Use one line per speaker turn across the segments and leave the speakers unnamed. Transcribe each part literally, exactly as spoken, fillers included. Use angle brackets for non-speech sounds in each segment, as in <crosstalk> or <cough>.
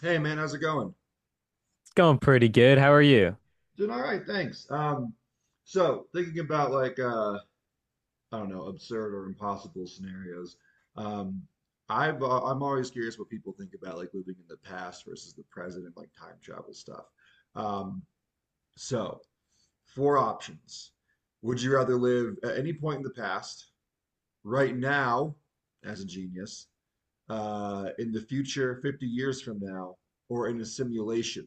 Hey man, how's it going?
It's going pretty good. How are you?
Doing all right, thanks. Um, so thinking about like uh, I don't know, absurd or impossible scenarios. Um, I've uh, I'm always curious what people think about like living in the past versus the present and like time travel stuff. Um, so four options. Would you rather live at any point in the past, right now, as a genius, uh, in the future, fifty years from now, or in a simulation,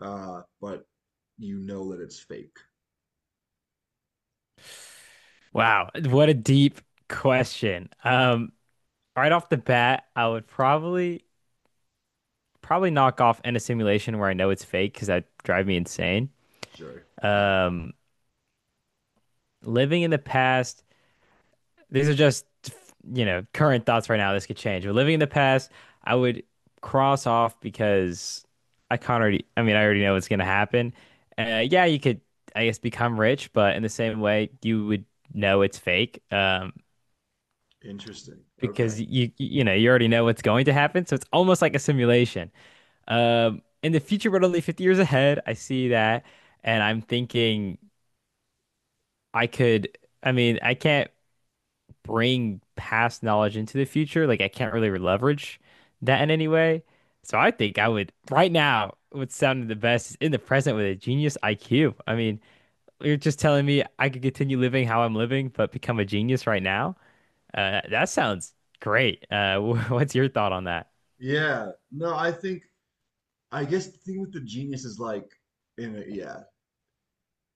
uh, but you know that it's fake?
Wow, what a deep question. Um, right off the bat, I would probably probably knock off in a simulation where I know it's fake because that drive me insane.
Sure. Yeah.
Um, living in the past, these are just you know current thoughts right now. This could change. But living in the past, I would cross off because I can't already. I mean, I already know what's gonna happen. Uh, yeah, you could, I guess, become rich, but in the same way, you would know it's fake. Um,
Interesting.
because
Okay.
you you know you already know what's going to happen, so it's almost like a simulation. Um, in the future, but only fifty years ahead, I see that, and I'm thinking I could. I mean, I can't bring past knowledge into the future. Like I can't really leverage that in any way. So I think I would right now. What's sounded the best is in the present with a genius I Q. I mean, you're just telling me I could continue living how I'm living, but become a genius right now. Uh, that sounds great. Uh, <laughs> what's your thought on that?
Yeah. No, I think I guess the thing with the genius is like in a, yeah,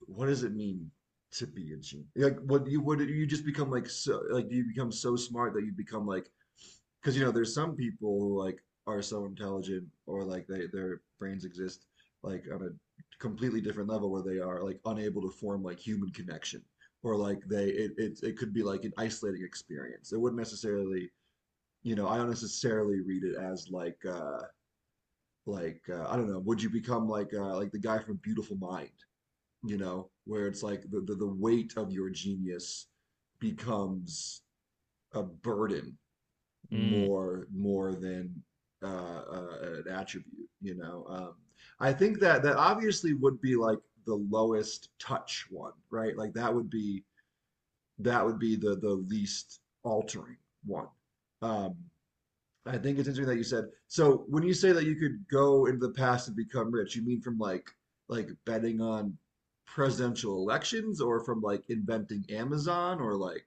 what does it mean to be a genius? Like what you what do you just become? Like, so like, do you become so smart that you become like, because you know there's some people who like are so intelligent, or like they, their brains exist like on a completely different level where they are like unable to form like human connection, or like they it it, it could be like an isolating experience. It wouldn't necessarily, you know, I don't necessarily read it as like uh like uh, I don't know, would you become like uh like the guy from Beautiful Mind, you know, where it's like the the, the weight of your genius becomes a burden
Mm.
more more than uh, uh an attribute, you know. Um I think that that obviously would be like the lowest touch one, right? Like that would be, that would be the the least altering one. Um I think it's interesting that you said. So when you say that you could go into the past and become rich, you mean from like like betting on presidential elections, or from like inventing Amazon, or like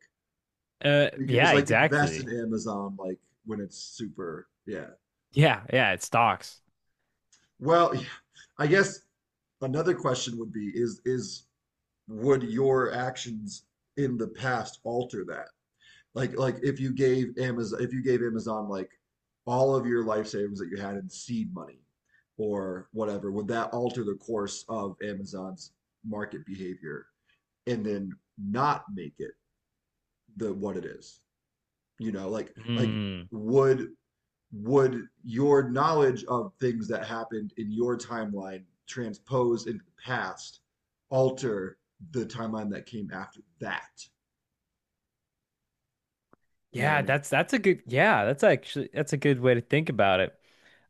Uh,
you could
yeah,
just like invest
exactly.
in Amazon like when it's super. Yeah.
Yeah, yeah, it stocks.
Well, yeah. I guess another question would be, is is would your actions in the past alter that? like like if you gave Amazon, if you gave Amazon like all of your life savings that you had in seed money or whatever, would that alter the course of Amazon's market behavior and then not make it the what it is? You know, like like
Mm.
would would your knowledge of things that happened in your timeline transposed into the past alter the timeline that came after that? You know what I
Yeah,
mean?
that's that's a good, yeah, that's actually that's a good way to think about it.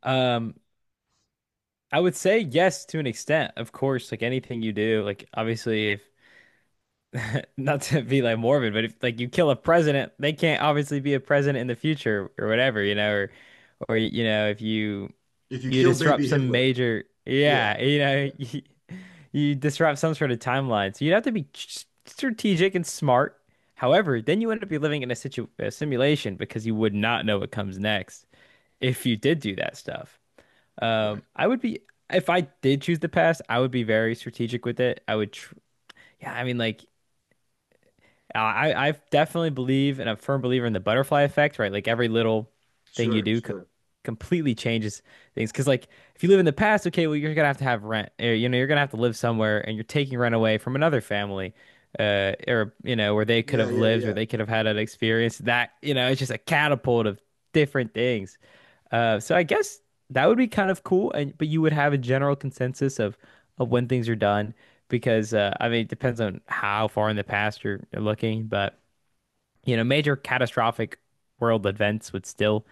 Um, I would say yes to an extent, of course, like anything you do, like obviously if <laughs> not to be like morbid, but if like you kill a president, they can't obviously be a president in the future or whatever, you know, or or you know, if you
If you
you
kill baby
disrupt some
Hitler,
major,
yeah,
yeah, you know,
yeah.
<laughs> you disrupt some sort of timeline. So you'd have to be strategic and smart. However, then you end up be living in a situ a simulation because you would not know what comes next if you did do that stuff. Um,
Right.
I would be if I did choose the past, I would be very strategic with it. I would tr yeah, I mean, like uh, I I definitely believe and I'm a firm believer in the butterfly effect, right? Like every little thing you
Sure,
do co
sure.
completely changes things. Because like if you live in the past, okay, well you're gonna have to have rent. Or, you know, you're gonna have to live somewhere, and you're taking rent away from another family, uh, or you know where they could
Yeah,
have
yeah,
lived, where
yeah.
they could have had an experience. That you know it's just a catapult of different things. Uh, so I guess that would be kind of cool, and but you would have a general consensus of of when things are done because uh, I mean it depends on how far in the past you're, you're looking, but you know major catastrophic world events would still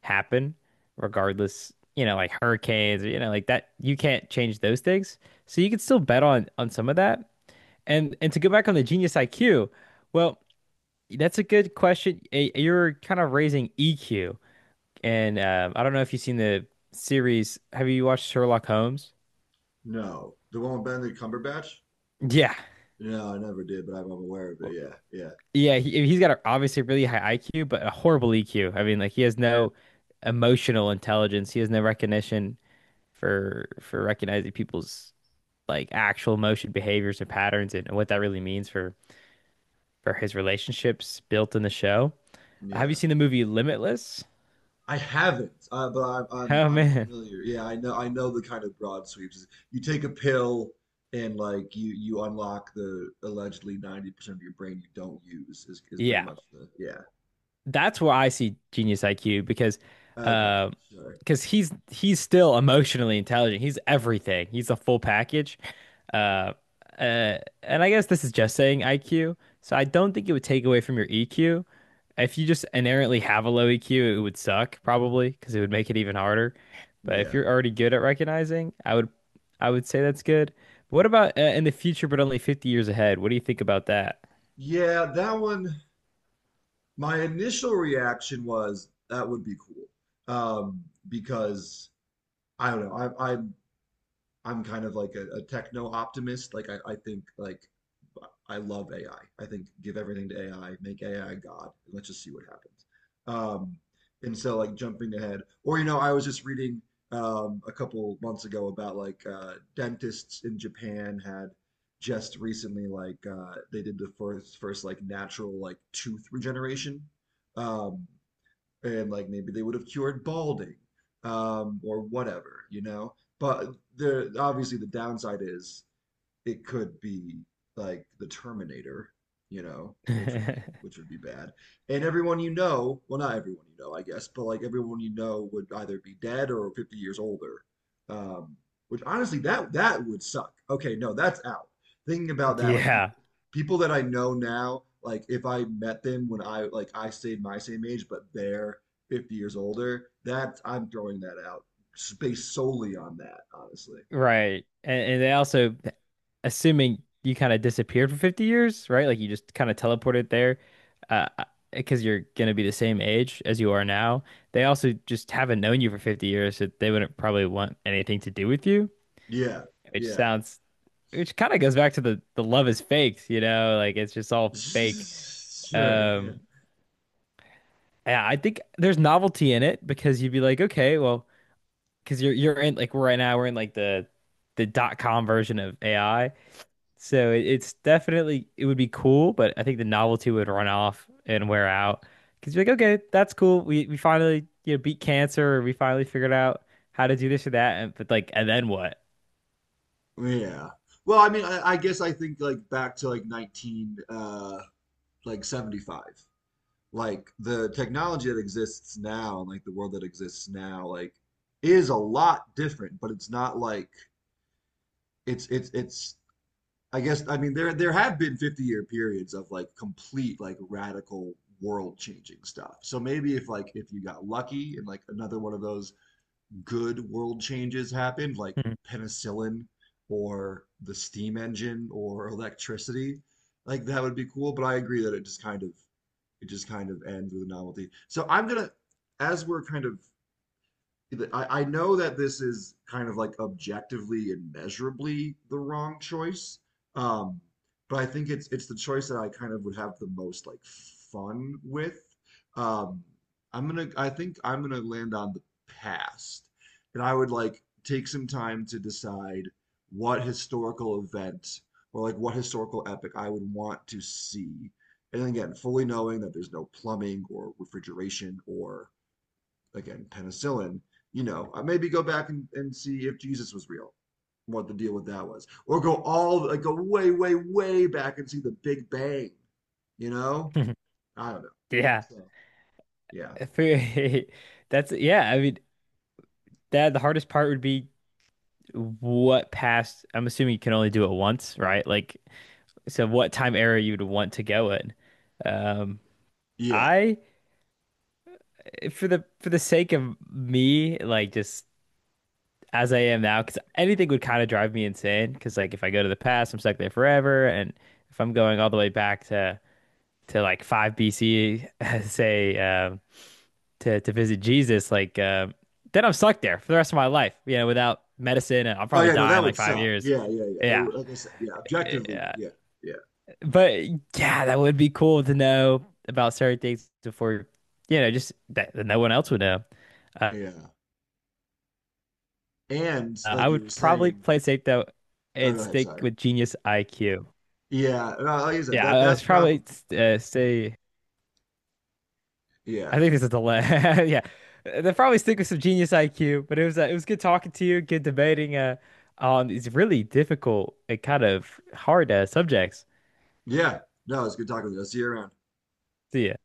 happen regardless. You know, like hurricanes, you know, like that. You can't change those things, so you can still bet on on some of that. And and to go back on the genius I Q, well, that's a good question. Eh, You're kind of raising E Q. And um, I don't know if you've seen the series. Have you watched Sherlock Holmes?
No. The one with Benedict Cumberbatch?
Yeah.
No, I never did, but I'm I'm aware of it. Yeah, yeah,
Yeah, he, he's got a, obviously a really high I Q, but a horrible E Q. I mean, like he has no emotional intelligence. He has no recognition for for recognizing people's like actual emotion behaviors or patterns and what that really means for for his relationships built in the show. Have you
yeah.
seen the movie Limitless?
I haven't, uh, but I'm, I'm
Oh
I'm
man.
familiar. Yeah, I know, I know the kind of broad sweeps. You take a pill and like you you unlock the allegedly ninety percent of your brain you don't use is is pretty
Yeah.
much the, yeah.
That's where I see genius I Q because
Okay,
uh
sure.
because he's he's still emotionally intelligent. He's everything. He's a full package. Uh, uh and I guess this is just saying I Q. So I don't think it would take away from your E Q. If you just inherently have a low E Q, it would suck probably because it would make it even harder. But if
Yeah.
you're already good at recognizing, I would I would say that's good. what about uh, in the future but only fifty years ahead? What do you think about that?
Yeah, that one, my initial reaction was that would be cool. Um, because I don't know. I, I I'm kind of like a, a techno optimist. Like I, I think like I love A I. I I think give everything to A I, make A I God, and let's just see what happens. Um, and so like jumping ahead, or you know, I was just reading um, a couple months ago about like uh, dentists in Japan had just recently like uh, they did the first first like natural like tooth regeneration. Um, and like maybe they would have cured balding um, or whatever, you know. But there, obviously the downside is it could be like the Terminator, you know, which would be, which
<laughs>
would be bad. And everyone you know, well, not everyone you know, I guess, but like everyone you know would either be dead or fifty years older. Um, which honestly, that that would suck. Okay, no, that's out. Thinking about that, like
Yeah.
people people that I know now, like if I met them when I, like I stayed my same age, but they're fifty years older, that I'm throwing that out based solely on that, honestly.
Right. And, and they also, assuming you kind of disappeared for fifty years, right? Like you just kind of teleported there, uh, because you're going to be the same age as you are now. They also just haven't known you for fifty years, so they wouldn't probably want anything to do with you,
Yeah,
which
yeah.
sounds, which kind of goes back to the, the love is fake, you know, like it's just all fake.
<laughs> Sure, yeah.
Um, yeah, I think there's novelty in it because you'd be like, okay, well, because you're, you're in like right now, we're in like the, the dot com version of A I. So it- it's definitely it would be cool, but I think the novelty would run off and wear out. Because you're like, okay, that's cool. We we finally you know beat cancer, or we finally figured out how to do this or that. And, but like, and then what?
Yeah. Well, I mean, I, I guess I think like back to like nineteen uh like seventy-five. Like the technology that exists now and like the world that exists now like is a lot different, but it's not like it's it's it's, I guess, I mean, there there have been fifty year periods of like complete like radical world changing stuff. So maybe if like, if you got lucky and like another one of those good world changes happened, like
Hmm.
penicillin or the steam engine or electricity, like that would be cool. But I agree that it just kind of, it just kind of ends with a novelty. So I'm gonna, as we're kind of, I, I know that this is kind of like objectively and measurably the wrong choice, um, but I think it's it's the choice that I kind of would have the most like fun with. Um, I'm gonna I think I'm gonna land on the past, and I would like take some time to decide what historical event or like what historical epic I would want to see. And again, fully knowing that there's no plumbing or refrigeration or, again, penicillin, you know, maybe go back and, and see if Jesus was real, what the deal with that was. Or go all, like, go way, way, way back and see the Big Bang, you know?
<laughs>
I don't know.
Yeah.
So, yeah.
For- <laughs> that's, yeah. I mean, that the hardest part would be what past. I'm assuming you can only do it once, right? Like, so what time era you'd want to go in? Um,
Yeah.
I for the for the sake of me, like just, as I am now, because anything would kind of drive me insane. Because like if I go to the past, I'm stuck there forever, and if I'm going all the way back to to like five B C, <laughs> say, um, to to visit Jesus, like, um, then I'm stuck there for the rest of my life. You know, without medicine, and I'll
Oh,
probably
yeah, no,
die in
that
like
would
five
suck.
years.
Yeah, yeah, yeah. It
Yeah,
would, like I said, yeah, objectively, yeah, yeah,
but yeah, that would be cool to know about certain things before, you know, just that, that no one else would know. Uh,
yeah. And
I
like you
would
were
probably
saying,
play safe though
oh,
and
go ahead,
stick
sorry.
with genius I Q.
Yeah, no, like you said,
Yeah,
that,
uh, it's
that probably,
probably uh, say I
yeah,
think this is the last. <laughs> Yeah, they probably stick with some genius I Q, but it was uh, it was good talking to you, good debating uh on these really difficult and kind of hard uh, subjects.
yeah. No, it's good talking with you. I'll see you around.
See ya.